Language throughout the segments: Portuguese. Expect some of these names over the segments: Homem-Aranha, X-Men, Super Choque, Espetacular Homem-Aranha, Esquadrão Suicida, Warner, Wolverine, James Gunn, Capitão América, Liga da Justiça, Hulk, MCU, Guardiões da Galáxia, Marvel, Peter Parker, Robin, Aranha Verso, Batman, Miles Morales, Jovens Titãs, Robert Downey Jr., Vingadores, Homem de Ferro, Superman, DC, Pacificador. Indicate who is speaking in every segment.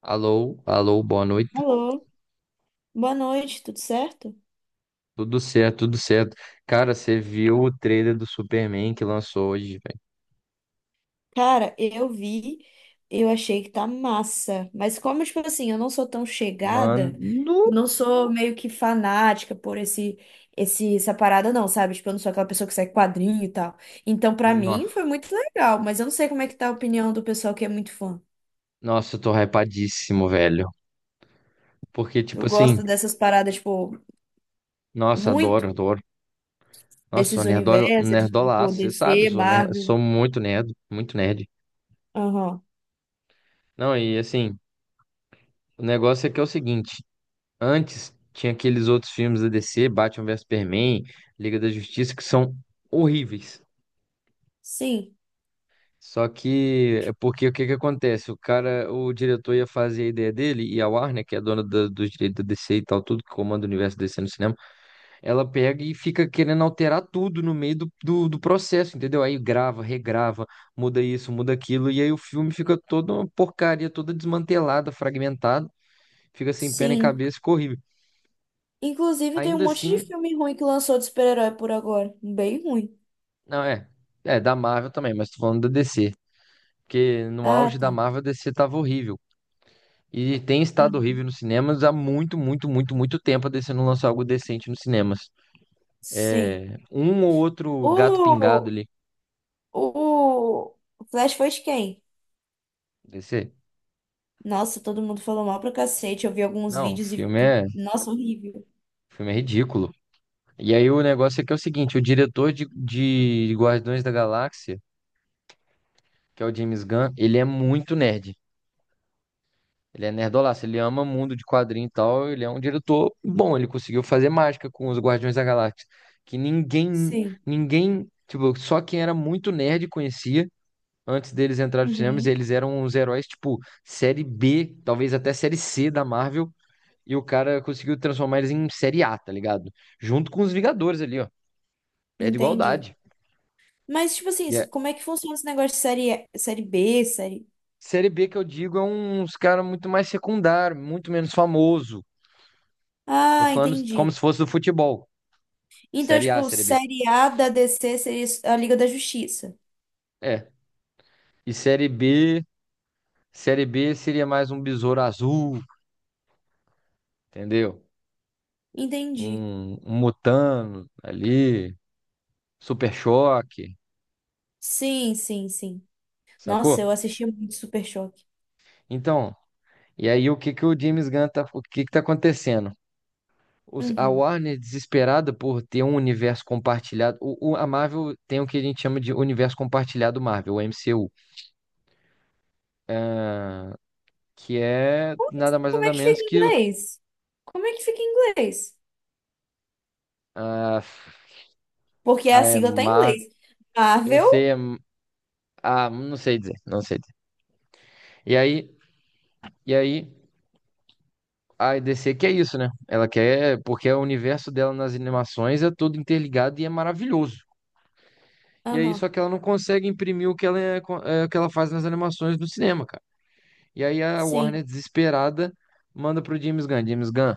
Speaker 1: Alô, alô, boa noite.
Speaker 2: Alô, boa noite, tudo certo?
Speaker 1: Tudo certo, tudo certo. Cara, você viu o trailer do Superman que lançou hoje, velho?
Speaker 2: Cara, eu vi, eu achei que tá massa, mas como, tipo assim, eu não sou tão
Speaker 1: Mano,
Speaker 2: chegada, eu não sou meio que fanática por essa parada não, sabe? Tipo, eu não sou aquela pessoa que segue quadrinho e tal. Então, pra mim, foi muito legal, mas eu não sei como é que tá a opinião do pessoal que é muito fã.
Speaker 1: nossa, eu tô hypadíssimo, velho. Porque, tipo
Speaker 2: Eu
Speaker 1: assim,
Speaker 2: gosto dessas paradas, tipo,
Speaker 1: nossa,
Speaker 2: muito,
Speaker 1: adoro, adoro. Nossa, sou
Speaker 2: desses
Speaker 1: nerdola,
Speaker 2: universos, tipo,
Speaker 1: nerdolaço, você sabe,
Speaker 2: DC,
Speaker 1: sou, ner,
Speaker 2: Marvel.
Speaker 1: sou muito nerd, muito nerd.
Speaker 2: Aham.
Speaker 1: Não, e assim, o negócio é que é o seguinte: antes tinha aqueles outros filmes da DC, Batman vs Superman, Liga da Justiça, que são horríveis.
Speaker 2: Sim,
Speaker 1: Só que é porque o que que acontece? O cara, o diretor ia fazer a ideia dele e a Warner, que é a dona dos direitos da DC e tal, tudo que comanda o universo DC no cinema, ela pega e fica querendo alterar tudo no meio do processo, entendeu? Aí grava, regrava, muda isso, muda aquilo, e aí o filme fica toda uma porcaria, toda desmantelada, fragmentada, fica sem pé nem
Speaker 2: sim.
Speaker 1: cabeça, ficou horrível.
Speaker 2: Inclusive, tem um
Speaker 1: Ainda
Speaker 2: monte de
Speaker 1: assim,
Speaker 2: filme ruim que lançou de super-herói por agora. Bem ruim.
Speaker 1: não é, é da Marvel também, mas tô falando da DC, porque no
Speaker 2: Ah,
Speaker 1: auge da
Speaker 2: tá.
Speaker 1: Marvel a DC tava horrível. E tem estado
Speaker 2: Hum.
Speaker 1: horrível nos cinemas há muito, muito, muito, muito tempo. A DC não lançou algo decente nos cinemas.
Speaker 2: Sim.
Speaker 1: É, um ou outro gato pingado
Speaker 2: O,
Speaker 1: ali.
Speaker 2: o Flash foi de quem?
Speaker 1: DC.
Speaker 2: Nossa, todo mundo falou mal pra cacete. Eu vi alguns
Speaker 1: Não,
Speaker 2: vídeos
Speaker 1: o
Speaker 2: nossa, horrível.
Speaker 1: filme é ridículo. E aí o negócio é que é o seguinte: o diretor de Guardiões da Galáxia, que é o James Gunn, ele é muito nerd. Ele é nerdolaço, ele ama mundo de quadrinho e tal. Ele é um diretor bom, ele conseguiu fazer mágica com os Guardiões da Galáxia. Que ninguém,
Speaker 2: Sim.
Speaker 1: ninguém, tipo, só quem era muito nerd conhecia. Antes deles entrarem nos cinemas,
Speaker 2: Uhum,
Speaker 1: eles eram uns heróis tipo série B, talvez até série C da Marvel, e o cara conseguiu transformar eles em série A, tá ligado? Junto com os Vingadores ali, ó. Pé de
Speaker 2: entendi.
Speaker 1: igualdade.
Speaker 2: Mas, tipo assim,
Speaker 1: E a
Speaker 2: como é que funciona esse negócio de série, série B, série.
Speaker 1: série B que eu digo é uns cara muito mais secundário, muito menos famoso. Tô
Speaker 2: Ah,
Speaker 1: falando como
Speaker 2: entendi.
Speaker 1: se fosse do futebol.
Speaker 2: Então,
Speaker 1: Série A,
Speaker 2: tipo,
Speaker 1: série B.
Speaker 2: série A da DC seria a Liga da Justiça.
Speaker 1: É. E série B seria mais um besouro azul, entendeu?
Speaker 2: Entendi.
Speaker 1: Um Mutano ali, Super Choque,
Speaker 2: Sim, sim, sim. Nossa, eu
Speaker 1: sacou?
Speaker 2: assistia muito Super Choque.
Speaker 1: Então, e aí, o que que o James Gunn tá, o que que tá acontecendo? A
Speaker 2: Uhum.
Speaker 1: Warner, desesperada por ter um universo compartilhado, a Marvel tem o que a gente chama de universo compartilhado Marvel, o MCU, que é
Speaker 2: Como é
Speaker 1: nada mais
Speaker 2: como é
Speaker 1: nada
Speaker 2: que fica
Speaker 1: menos
Speaker 2: em
Speaker 1: que o,
Speaker 2: inglês? Como é que fica em inglês?
Speaker 1: a,
Speaker 2: Porque
Speaker 1: a
Speaker 2: a
Speaker 1: é
Speaker 2: sigla tá em
Speaker 1: Marvel,
Speaker 2: inglês.
Speaker 1: eu
Speaker 2: Marvel?
Speaker 1: sei, é, ah, não sei dizer, não sei dizer. E aí, e aí, a DC quer isso, né? Ela quer, porque o universo dela nas animações é todo interligado e é maravilhoso. E aí,
Speaker 2: Aham.
Speaker 1: só que ela não consegue imprimir o que ela, é, é, o que ela faz nas animações do cinema, cara. E aí a
Speaker 2: Sim.
Speaker 1: Warner, desesperada, manda pro James Gunn. James Gunn,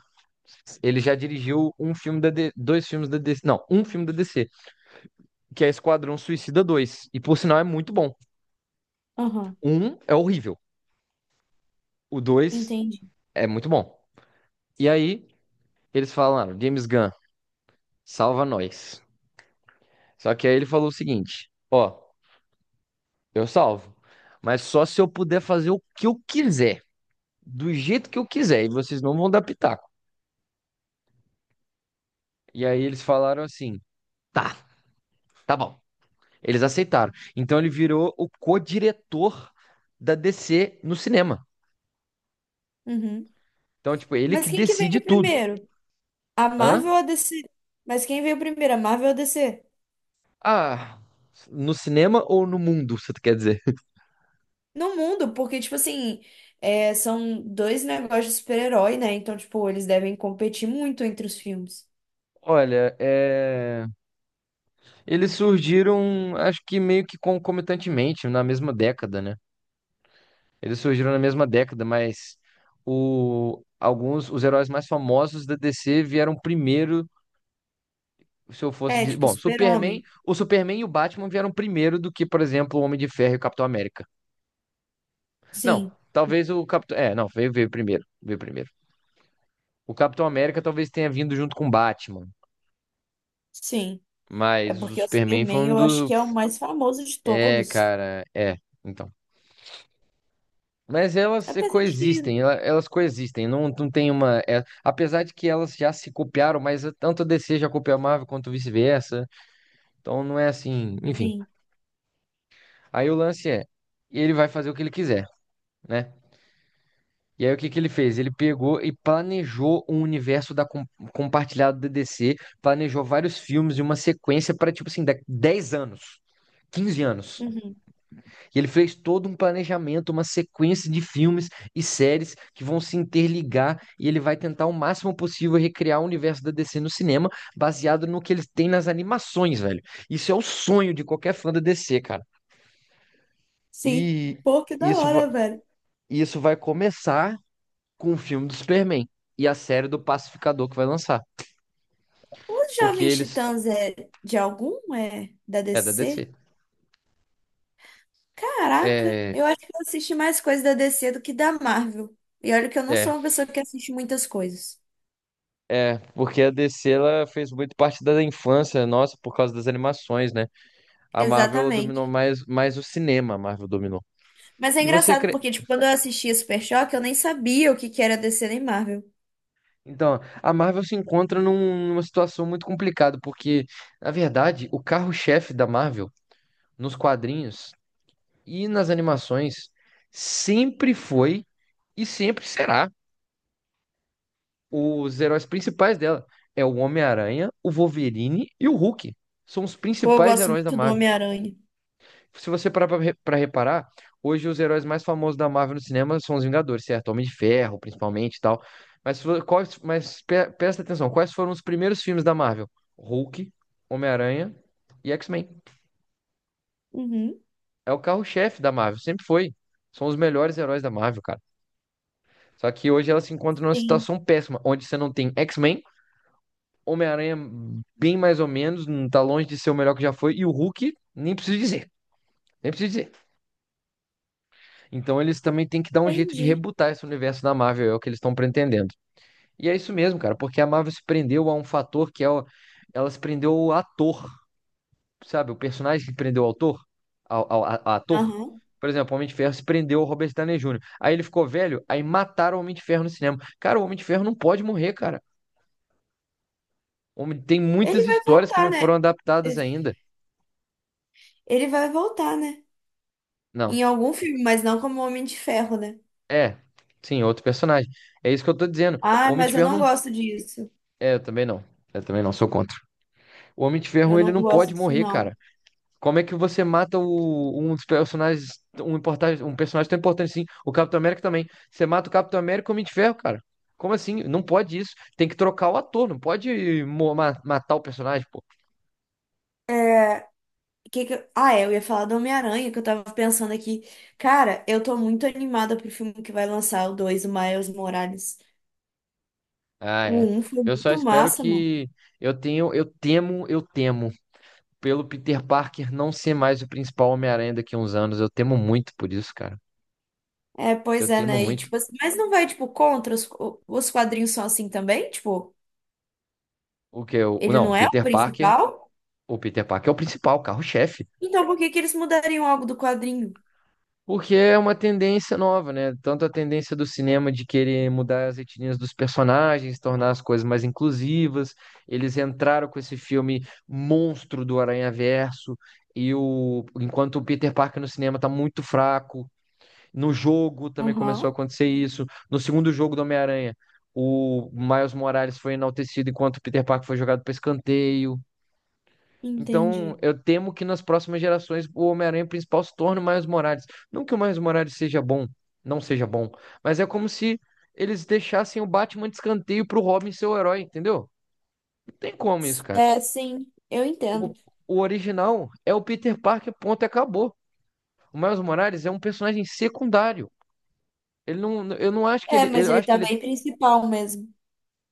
Speaker 1: ele já dirigiu um filme dois filmes da DC, não, um filme da DC, que é Esquadrão Suicida 2, e por sinal é muito bom.
Speaker 2: Aham.
Speaker 1: Um é horrível, o dois
Speaker 2: Entendi.
Speaker 1: é muito bom. E aí eles falaram, James Gunn, salva nós. Só que aí ele falou o seguinte, ó, eu salvo, mas só se eu puder fazer o que eu quiser, do jeito que eu quiser, e vocês não vão dar pitaco. E aí eles falaram assim, tá, tá bom. Eles aceitaram. Então ele virou o co-diretor da DC no cinema.
Speaker 2: Uhum.
Speaker 1: Então, tipo, ele que
Speaker 2: Mas quem que
Speaker 1: decide
Speaker 2: veio
Speaker 1: tudo.
Speaker 2: primeiro? A
Speaker 1: Hã?
Speaker 2: Marvel ou a DC? Mas quem veio primeiro, a Marvel ou a DC?
Speaker 1: Ah, no cinema ou no mundo, você quer dizer?
Speaker 2: No mundo, porque, tipo assim, é, são dois negócios de super-herói, né? Então, tipo, eles devem competir muito entre os filmes.
Speaker 1: Olha, é... eles surgiram, acho que meio que concomitantemente, na mesma década, né? Eles surgiram na mesma década, mas o... alguns, os heróis mais famosos da DC vieram primeiro, se eu fosse
Speaker 2: É,
Speaker 1: dizer...
Speaker 2: tipo,
Speaker 1: Bom, Superman,
Speaker 2: super-homem.
Speaker 1: o Superman e o Batman vieram primeiro do que, por exemplo, o Homem de Ferro e o Capitão América. Não,
Speaker 2: Sim,
Speaker 1: talvez o Capitão. É, não, veio, veio primeiro. Veio primeiro. O Capitão América talvez tenha vindo junto com o Batman.
Speaker 2: sim. É
Speaker 1: Mas o
Speaker 2: porque o
Speaker 1: Superman foi
Speaker 2: Superman
Speaker 1: um
Speaker 2: eu acho
Speaker 1: do.
Speaker 2: que é o mais famoso de
Speaker 1: É,
Speaker 2: todos.
Speaker 1: cara, é. Então. Mas elas se
Speaker 2: Apesar de que,
Speaker 1: coexistem, elas coexistem, não tem uma. É, apesar de que elas já se copiaram, mas tanto a DC já copiou a Marvel quanto vice-versa. Então não é assim, enfim.
Speaker 2: sim.
Speaker 1: Aí o lance é, ele vai fazer o que ele quiser, né? E aí, o que que ele fez? Ele pegou e planejou um universo da compartilhado da DC, planejou vários filmes e uma sequência para, tipo assim, 10 anos, 15 anos.
Speaker 2: Uhum.
Speaker 1: E ele fez todo um planejamento, uma sequência de filmes e séries que vão se interligar e ele vai tentar o máximo possível recriar o universo da DC no cinema, baseado no que eles têm nas animações, velho. Isso é o sonho de qualquer fã da DC, cara.
Speaker 2: Sim.
Speaker 1: E
Speaker 2: Pô, que da
Speaker 1: isso,
Speaker 2: hora, velho.
Speaker 1: isso vai começar com o filme do Superman e a série do Pacificador que vai lançar.
Speaker 2: Os
Speaker 1: Porque
Speaker 2: Jovens
Speaker 1: eles.
Speaker 2: Titãs é de algum? É da
Speaker 1: É da
Speaker 2: DC?
Speaker 1: DC.
Speaker 2: Caraca,
Speaker 1: É.
Speaker 2: eu acho que eu assisti mais coisas da DC do que da Marvel. E olha que eu não
Speaker 1: É,
Speaker 2: sou uma pessoa que assiste muitas coisas.
Speaker 1: é, porque a DC ela fez muito parte da infância nossa por causa das animações, né? A Marvel ela dominou
Speaker 2: Exatamente.
Speaker 1: mais, o cinema, a Marvel dominou.
Speaker 2: Mas é
Speaker 1: E você
Speaker 2: engraçado
Speaker 1: acre-
Speaker 2: porque, tipo, quando eu assistia Super Choque, eu nem sabia o que que era DC nem Marvel.
Speaker 1: Então, a Marvel se encontra numa situação muito complicada, porque, na verdade, o carro-chefe da Marvel nos quadrinhos e nas animações sempre foi e sempre será os heróis principais dela. É o Homem-Aranha, o Wolverine e o Hulk. São os
Speaker 2: Pô, eu
Speaker 1: principais
Speaker 2: gosto
Speaker 1: heróis da
Speaker 2: muito do
Speaker 1: Marvel.
Speaker 2: Homem-Aranha.
Speaker 1: Se você parar pra pra reparar, hoje os heróis mais famosos da Marvel no cinema são os Vingadores, certo? Homem de Ferro, principalmente e tal. Mas, se vo- quais, mas presta atenção, quais foram os primeiros filmes da Marvel? Hulk, Homem-Aranha e X-Men.
Speaker 2: Uhum.
Speaker 1: É o carro-chefe da Marvel, sempre foi. São os melhores heróis da Marvel, cara. Só que hoje ela se encontra numa
Speaker 2: Sim,
Speaker 1: situação péssima, onde você não tem X-Men, Homem-Aranha, bem mais ou menos, não tá longe de ser o melhor que já foi. E o Hulk, nem preciso dizer, nem preciso dizer. Então eles também têm que dar um jeito de
Speaker 2: entendi.
Speaker 1: rebutar esse universo da Marvel, é o que eles estão pretendendo. E é isso mesmo, cara, porque a Marvel se prendeu a um fator que é o... ela se prendeu ao ator, sabe? O personagem que prendeu o autor, ao, ao- a ator.
Speaker 2: Aham.
Speaker 1: Por exemplo, o Homem de Ferro se prendeu ao Robert Downey Jr. Aí ele ficou velho, aí mataram o Homem de Ferro no cinema. Cara, o Homem de Ferro não pode morrer, cara. Homem- Tem
Speaker 2: Ele
Speaker 1: muitas
Speaker 2: vai
Speaker 1: histórias que
Speaker 2: voltar,
Speaker 1: não foram
Speaker 2: né?
Speaker 1: adaptadas ainda.
Speaker 2: Ele vai voltar, né?
Speaker 1: Não,
Speaker 2: Em algum filme, mas não como Homem de Ferro, né?
Speaker 1: é, sim, outro personagem. É isso que eu tô dizendo. O
Speaker 2: Ah,
Speaker 1: Homem de
Speaker 2: mas eu
Speaker 1: Ferro
Speaker 2: não
Speaker 1: não.
Speaker 2: gosto disso.
Speaker 1: É, eu também não. É, eu também não, sou contra. O Homem de
Speaker 2: Eu
Speaker 1: Ferro, ele
Speaker 2: não
Speaker 1: não
Speaker 2: gosto
Speaker 1: pode
Speaker 2: disso,
Speaker 1: morrer, cara.
Speaker 2: não.
Speaker 1: Como é que você mata um dos personagens, um personagem tão importante assim? O Capitão América também. Você mata o Capitão América e o Homem de Ferro, cara. Como assim? Não pode isso. Tem que trocar o ator, não pode matar o personagem, pô.
Speaker 2: Que eu- ah, é, eu ia falar do Homem-Aranha, que eu tava pensando aqui. Cara, eu tô muito animada pro filme que vai lançar, o 2, o Miles Morales.
Speaker 1: Ah,
Speaker 2: O
Speaker 1: é.
Speaker 2: um foi
Speaker 1: Eu só
Speaker 2: muito
Speaker 1: espero
Speaker 2: massa, mano.
Speaker 1: que. Eu tenho. Eu temo. Pelo Peter Parker não ser mais o principal Homem-Aranha daqui a uns anos. Eu temo muito por isso, cara.
Speaker 2: É,
Speaker 1: Eu
Speaker 2: pois é,
Speaker 1: temo
Speaker 2: né? E,
Speaker 1: muito.
Speaker 2: tipo assim, mas não vai, tipo, contra os quadrinhos são assim também? Tipo,
Speaker 1: O que eu.
Speaker 2: ele
Speaker 1: Não,
Speaker 2: não é o
Speaker 1: Peter Parker.
Speaker 2: principal?
Speaker 1: O Peter Parker é o principal, carro-chefe.
Speaker 2: Então por que que eles mudariam algo do quadrinho?
Speaker 1: Porque é uma tendência nova, né? Tanto a tendência do cinema de querer mudar as etnias dos personagens, tornar as coisas mais inclusivas. Eles entraram com esse filme monstro do Aranha Verso. E o... enquanto o Peter Parker no cinema tá muito fraco, no jogo também começou a
Speaker 2: Aham,
Speaker 1: acontecer isso. No segundo jogo do Homem-Aranha, o Miles Morales foi enaltecido enquanto o Peter Parker foi jogado para escanteio. Então,
Speaker 2: entendi.
Speaker 1: eu temo que nas próximas gerações o Homem-Aranha principal se torne o Miles Morales. Não que o Miles Morales seja bom, não seja bom, mas é como se eles deixassem o Batman de escanteio pro Robin ser o herói, entendeu? Não tem como isso, cara.
Speaker 2: É, sim, eu
Speaker 1: O,
Speaker 2: entendo.
Speaker 1: o original é o Peter Parker, ponto, e acabou. O Miles Morales é um personagem secundário. Ele não, eu não acho que
Speaker 2: É,
Speaker 1: ele,
Speaker 2: mas
Speaker 1: eu
Speaker 2: ele
Speaker 1: acho que
Speaker 2: tá
Speaker 1: ele.
Speaker 2: bem principal mesmo.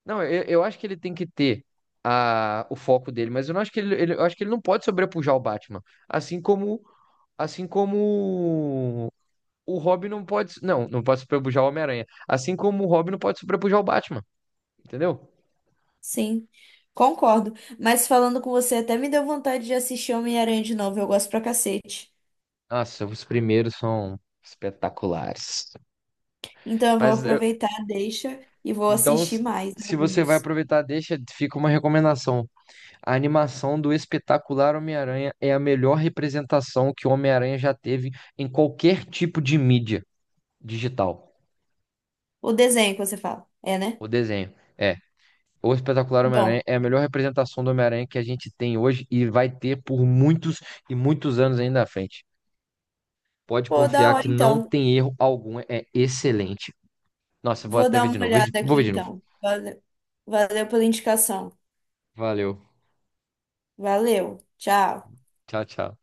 Speaker 1: Não, eu acho que ele tem que ter a, o foco dele, mas eu não acho que ele, eu acho que ele não pode sobrepujar o Batman. Assim como, assim como o Robin não pode sobrepujar o Homem-Aranha. Assim como o Robin não pode sobrepujar o Batman, entendeu?
Speaker 2: Sim, concordo. Mas falando com você, até me deu vontade de assistir Homem-Aranha de novo. Eu gosto pra cacete.
Speaker 1: Nossa, os primeiros são espetaculares.
Speaker 2: Então eu vou
Speaker 1: Mas eu-
Speaker 2: aproveitar, deixa e vou
Speaker 1: então,
Speaker 2: assistir mais
Speaker 1: se você vai
Speaker 2: alguns.
Speaker 1: aproveitar, deixa, fica uma recomendação. A animação do espetacular Homem-Aranha é a melhor representação que o Homem-Aranha já teve em qualquer tipo de mídia. Digital,
Speaker 2: O desenho que você fala, é, né?
Speaker 1: o desenho. É, o Espetacular
Speaker 2: Bom,
Speaker 1: Homem-Aranha é a melhor representação do Homem-Aranha que a gente tem hoje e vai ter por muitos e muitos anos ainda à frente. Pode
Speaker 2: pô, da
Speaker 1: confiar
Speaker 2: hora
Speaker 1: que não
Speaker 2: então.
Speaker 1: tem erro algum, é excelente. Nossa, eu vou
Speaker 2: Vou
Speaker 1: até
Speaker 2: dar
Speaker 1: ver
Speaker 2: uma
Speaker 1: de novo.
Speaker 2: olhada
Speaker 1: Vou
Speaker 2: aqui
Speaker 1: ver de novo.
Speaker 2: então. Valeu, valeu pela indicação.
Speaker 1: Valeu.
Speaker 2: Valeu, tchau.
Speaker 1: Tchau, tchau.